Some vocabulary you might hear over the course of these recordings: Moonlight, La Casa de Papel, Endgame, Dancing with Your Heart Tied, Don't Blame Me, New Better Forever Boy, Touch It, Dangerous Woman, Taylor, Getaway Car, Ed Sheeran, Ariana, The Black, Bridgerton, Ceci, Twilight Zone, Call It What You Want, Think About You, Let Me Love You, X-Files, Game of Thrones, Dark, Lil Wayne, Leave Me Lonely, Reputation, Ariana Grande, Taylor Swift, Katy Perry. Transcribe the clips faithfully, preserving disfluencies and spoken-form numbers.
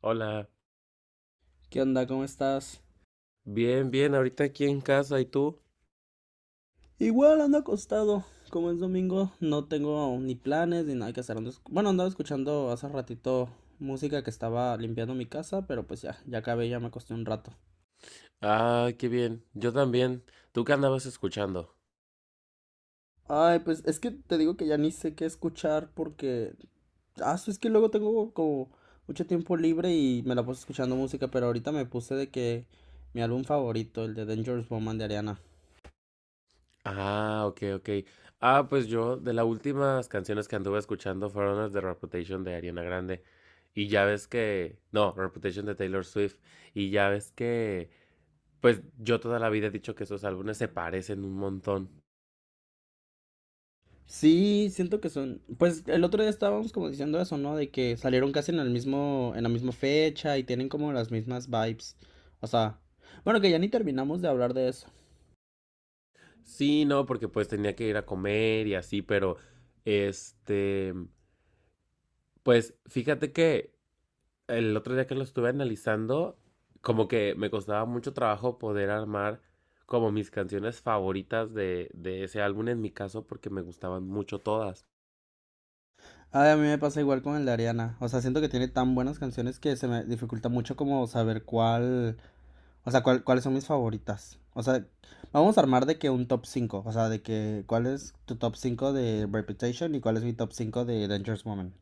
Hola, ¿Qué onda? ¿Cómo estás? bien, bien, ahorita aquí en casa, ¿y tú? Igual ando acostado. Como es domingo, no tengo ni planes ni nada que hacer. Ando esc- Bueno, andaba escuchando hace ratito música que estaba limpiando mi casa, pero pues ya, ya acabé, ya me acosté un rato. Ah, qué bien, yo también. ¿Tú qué andabas escuchando? Ay, pues es que te digo que ya ni sé qué escuchar porque... Ah, sí, es que luego tengo como mucho tiempo libre y me la puse escuchando música, pero ahorita me puse de que mi álbum favorito, el de Dangerous Woman de Ariana. Ah, ok, ok. Ah, pues yo, de las últimas canciones que anduve escuchando fueron las de Reputation de Ariana Grande. Y ya ves que... No, Reputation de Taylor Swift. Y ya ves que... Pues yo toda la vida he dicho que esos álbumes se parecen un montón. Sí, siento que son, pues el otro día estábamos como diciendo eso, ¿no? De que salieron casi en el mismo, en la misma fecha y tienen como las mismas vibes. O sea, bueno, que ya ni terminamos de hablar de eso. Sí, no, porque pues tenía que ir a comer y así, pero... Este... Pues fíjate que el otro día que lo estuve analizando, como que me costaba mucho trabajo poder armar como mis canciones favoritas de, de ese álbum en mi caso porque me gustaban mucho todas. Ay, a mí me pasa igual con el de Ariana. O sea, siento que tiene tan buenas canciones que se me dificulta mucho como saber cuál, o sea, cuál, cuáles son mis favoritas. O sea, vamos a armar de que un top cinco, o sea, de que cuál es tu top cinco de Reputation y cuál es mi top cinco de Dangerous Woman.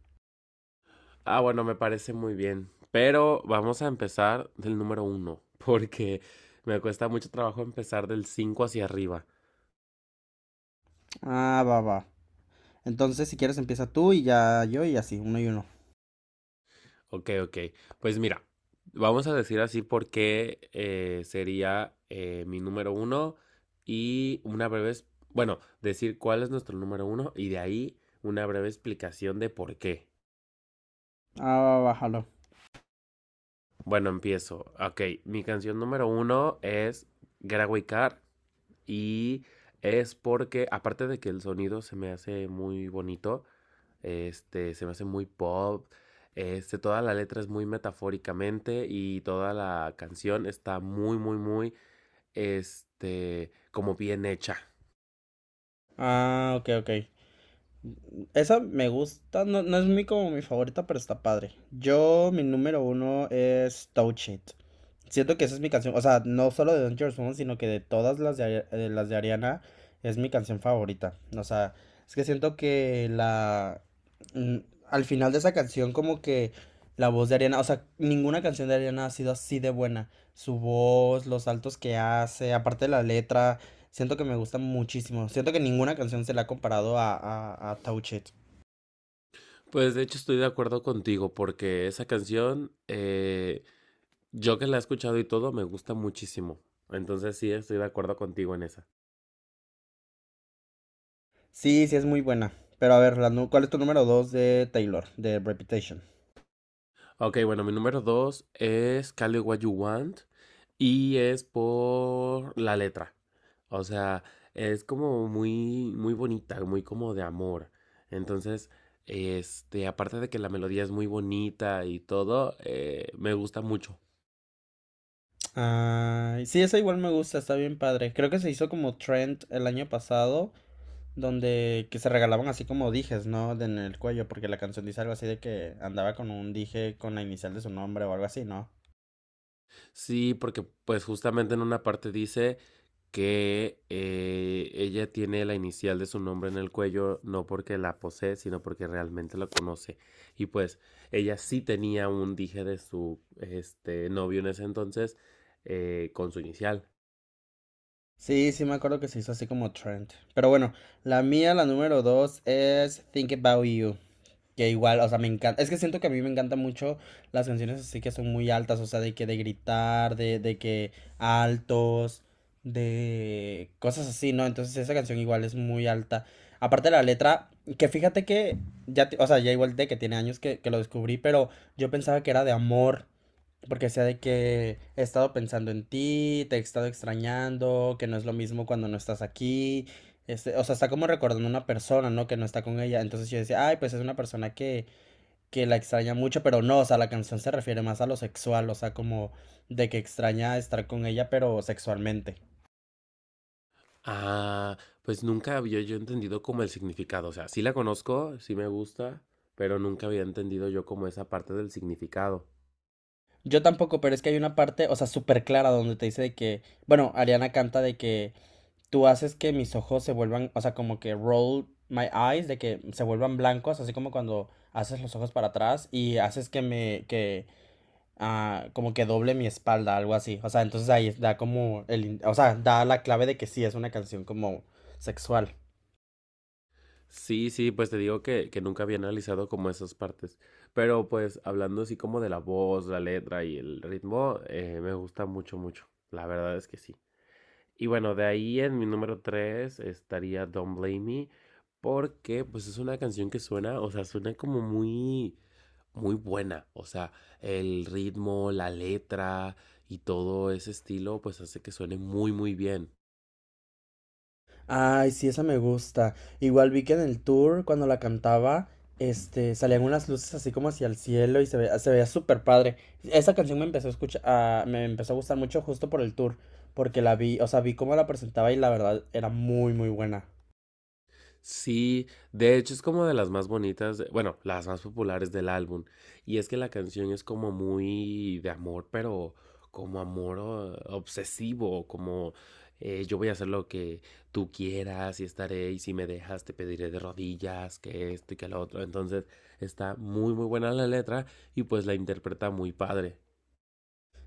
Ah, bueno, me parece muy bien. Pero vamos a empezar del número uno porque me cuesta mucho trabajo empezar del cinco hacia arriba. Ah, va, va. Entonces, si quieres, empieza tú y ya yo y así, uno y uno. Ok, ok. Pues mira, vamos a decir así porque eh, sería eh, mi número uno y una breve, es- bueno, decir cuál es nuestro número uno y de ahí una breve explicación de por qué. Ah, bájalo. Bueno, empiezo. Ok, mi canción número uno es Getaway Car y es porque, aparte de que el sonido se me hace muy bonito. Este, se me hace muy pop. Este, toda la letra es muy metafóricamente y toda la canción está muy, muy, muy, este, como bien hecha. Ah, ok, ok. Esa me gusta, no, no es muy como mi favorita, pero está padre. Yo, mi número uno es Touch It. Siento que esa es mi canción, o sea, no solo de Don't Your sino que de todas las de, Ari- eh, las de Ariana, es mi canción favorita. O sea, es que siento que la... mm, Al final de esa canción, como que la voz de Ariana, o sea, ninguna canción de Ariana ha sido así de buena. Su voz, los saltos que hace, aparte de la letra. Siento que me gusta muchísimo. Siento que ninguna canción se la ha comparado a, a, a Touch It. Pues de hecho estoy de acuerdo contigo porque esa canción, eh, yo que la he escuchado y todo, me gusta muchísimo. Entonces sí, estoy de acuerdo contigo en esa. Sí, sí es muy buena. Pero a ver, la nu- ¿cuál es tu número dos de Taylor, de Reputation? Ok, bueno, mi número dos es Call It What You Want y es por la letra. O sea, es como muy, muy bonita, muy como de amor. Entonces, este, aparte de que la melodía es muy bonita y todo, eh, me gusta mucho. Ay, sí, esa igual me gusta, está bien padre. Creo que se hizo como trend el año pasado, donde que se regalaban así como dijes, ¿no? De en el cuello, porque la canción dice algo así de que andaba con un dije con la inicial de su nombre o algo así, ¿no? Sí, porque pues justamente en una parte dice que eh, ella tiene la inicial de su nombre en el cuello, no porque la posee, sino porque realmente la conoce. Y pues ella sí tenía un dije de su este, novio en ese entonces eh, con su inicial. Sí, sí me acuerdo que se hizo así como trend. Pero bueno, la mía, la número dos es Think About You. Que igual, o sea, me encanta. Es que siento que a mí me encantan mucho las canciones así que son muy altas, o sea, de que de gritar, de, de que altos, de cosas así, ¿no? Entonces esa canción igual es muy alta. Aparte de la letra, que fíjate que ya, ti- o sea, ya igual de que tiene años que, que lo descubrí, pero yo pensaba que era de amor. Porque sea de que he estado pensando en ti, te he estado extrañando, que no es lo mismo cuando no estás aquí. Este, o sea, está como recordando una persona, ¿no? Que no está con ella. Entonces yo decía, ay, pues es una persona que, que la extraña mucho, pero no, o sea, la canción se refiere más a lo sexual, o sea, como de que extraña estar con ella, pero sexualmente. Ah, pues nunca había yo entendido como el significado. O sea, sí la conozco, sí me gusta, pero nunca había entendido yo como esa parte del significado. Yo tampoco, pero es que hay una parte, o sea, súper clara donde te dice de que, bueno, Ariana canta de que tú haces que mis ojos se vuelvan, o sea, como que roll my eyes, de que se vuelvan blancos, así como cuando haces los ojos para atrás y haces que me, que, ah, como que doble mi espalda, algo así. O sea, entonces ahí da como el, in- o sea, da la clave de que sí es una canción como sexual. Sí, sí, pues te digo que, que nunca había analizado como esas partes, pero pues hablando así como de la voz, la letra y el ritmo, eh, me gusta mucho, mucho, la verdad es que sí. Y bueno, de ahí en mi número tres estaría Don't Blame Me, porque pues es una canción que suena, o sea, suena como muy, muy buena, o sea, el ritmo, la letra y todo ese estilo, pues hace que suene muy, muy bien. Ay, sí, esa me gusta. Igual vi que en el tour, cuando la cantaba, este, salían unas luces así como hacia el cielo y se veía, se veía súper padre. Esa canción me empezó a escuchar, a- me empezó a gustar mucho justo por el tour, porque la vi, o sea, vi cómo la presentaba y la verdad era muy, muy buena. Sí, de hecho es como de las más bonitas, de- bueno, las más populares del álbum. Y es que la canción es como muy de amor, pero como amor eh, obsesivo, como eh, yo voy a hacer lo que tú quieras y estaré, y si me dejas te pediré de rodillas, que esto y que lo otro. Entonces está muy, muy buena la letra y pues la interpreta muy padre.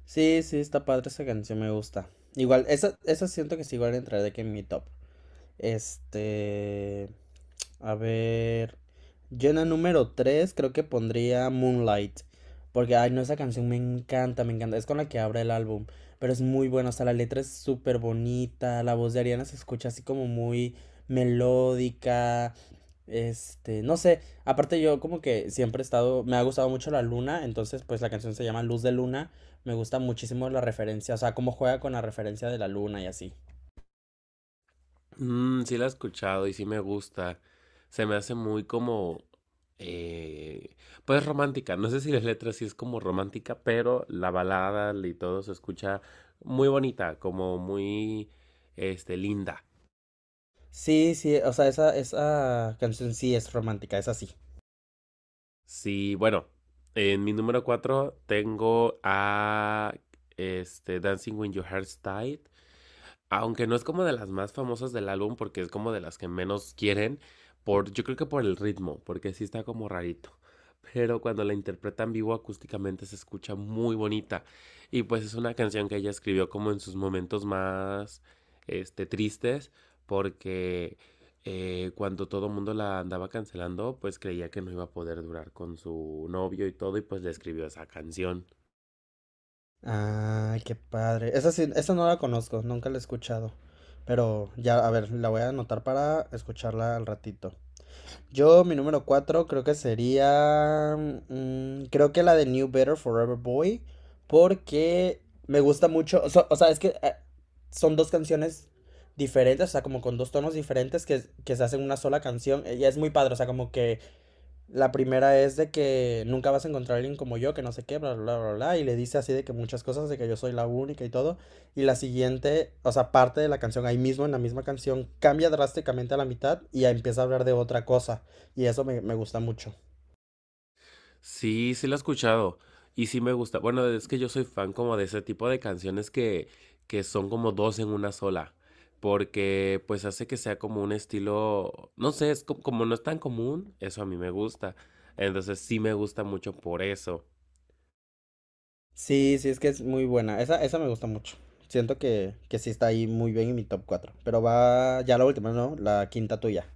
Sí, sí, está padre esa canción, me gusta. Igual, esa, esa siento que sí igual entraré de que en mi top. Este. A ver. Yo en la número tres creo que pondría Moonlight. Porque, ay, no, esa canción me encanta, me encanta. Es con la que abre el álbum. Pero es muy buena, o sea, la letra es súper bonita. La voz de Ariana se escucha así como muy melódica. Este, no sé. Aparte, yo como que siempre he estado. Me ha gustado mucho la luna. Entonces, pues la canción se llama Luz de Luna. Me gusta muchísimo la referencia. O sea, cómo juega con la referencia de la luna y así. Mm, sí la he escuchado y sí me gusta. Se me hace muy como, eh, pues romántica. No sé si las letras sí es como romántica, pero la balada y todo se escucha muy bonita, como muy, este, linda. Sí, sí, o sea, esa, esa canción sí es romántica, esa sí. Sí, bueno, en mi número cuatro tengo a, este, Dancing with Your Heart Tied. Aunque no es como de las más famosas del álbum porque es como de las que menos quieren, por, yo creo que por el ritmo, porque sí está como rarito. Pero cuando la interpreta en vivo acústicamente se escucha muy bonita. Y pues es una canción que ella escribió como en sus momentos más este, tristes, porque eh, cuando todo el mundo la andaba cancelando, pues creía que no iba a poder durar con su novio y todo, y pues le escribió esa canción. Ay, qué padre. Esa sí, esa no la conozco, nunca la he escuchado. Pero ya, a ver, la voy a anotar para escucharla al ratito. Yo, mi número cuatro creo que sería... mm, creo que la de New Better Forever Boy. Porque me gusta mucho. O sea, o sea, es que eh, son dos canciones diferentes, o sea, como con dos tonos diferentes que, que se hacen una sola canción. Y es muy padre, o sea, como que la primera es de que nunca vas a encontrar a alguien como yo, que no sé qué, bla, bla, bla, bla, y le dice así de que muchas cosas, de que yo soy la única y todo. Y la siguiente, o sea, parte de la canción, ahí mismo en la misma canción, cambia drásticamente a la mitad y ya empieza a hablar de otra cosa. Y eso me, me gusta mucho. Sí, sí la he escuchado. Y sí me gusta. Bueno, es que yo soy fan como de ese tipo de canciones que, que son como dos en una sola. Porque pues hace que sea como un estilo, no sé, es co- como no es tan común, eso a mí me gusta. Entonces sí me gusta mucho por eso. Sí, sí, es que es muy buena. Esa, esa me gusta mucho. Siento que, que sí está ahí muy bien en mi top cuatro. Pero va ya la última, ¿no? La quinta tuya.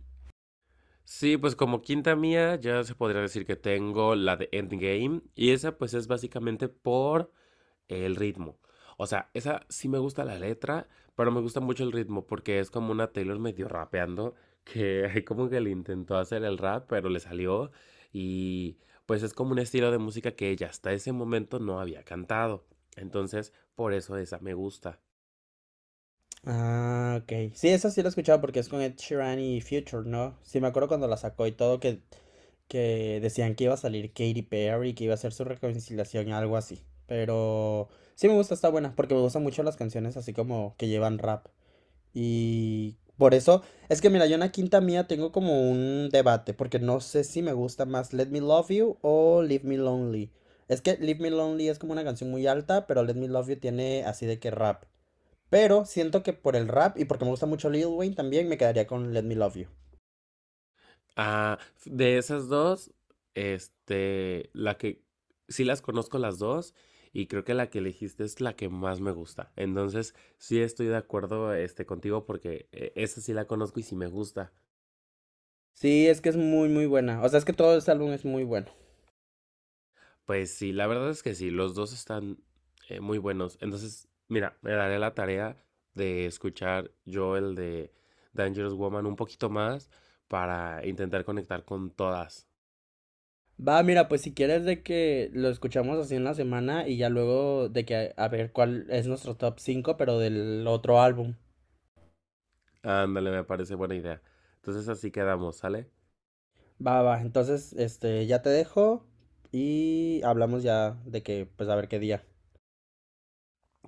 Sí, pues como quinta mía ya se podría decir que tengo la de Endgame. Y esa pues es básicamente por el ritmo. O sea, esa sí me gusta la letra, pero me gusta mucho el ritmo porque es como una Taylor medio rapeando, que como que le intentó hacer el rap, pero le salió y pues es como un estilo de música que ella hasta ese momento no había cantado. Entonces, por eso esa me gusta. Ah, ok. Sí, esa sí la he escuchado porque es con Ed Sheeran y Future, ¿no? Sí, me acuerdo cuando la sacó y todo que, que decían que iba a salir Katy Perry, que iba a ser su reconciliación, algo así. Pero sí me gusta, está buena, porque me gustan mucho las canciones así como que llevan rap. Y por eso, es que mira, yo en la quinta mía tengo como un debate, porque no sé si me gusta más Let Me Love You o Leave Me Lonely. Es que Leave Me Lonely es como una canción muy alta, pero Let Me Love You tiene así de que rap. Pero siento que por el rap y porque me gusta mucho Lil Wayne también me quedaría con Let Me Love You. Ah, de esas dos, este, la que sí las conozco las dos y creo que la que elegiste es la que más me gusta. Entonces, sí estoy de acuerdo este contigo porque eh, esa sí la conozco y sí me gusta. Sí, es que es muy, muy buena. O sea, es que todo este álbum es muy bueno. Pues sí, la verdad es que sí, los dos están eh, muy buenos. Entonces, mira, me daré la tarea de escuchar yo el de Dangerous Woman un poquito más para intentar conectar con todas. Va, mira, pues si quieres de que lo escuchamos así en la semana y ya luego de que a, a ver cuál es nuestro top cinco pero del otro álbum. Ándale, me parece buena idea. Entonces así quedamos, ¿sale? Va, va, entonces, este, ya te dejo y hablamos ya de que, pues a ver qué día.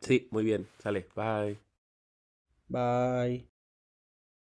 Sí, muy bien. Sale. Bye. Bye.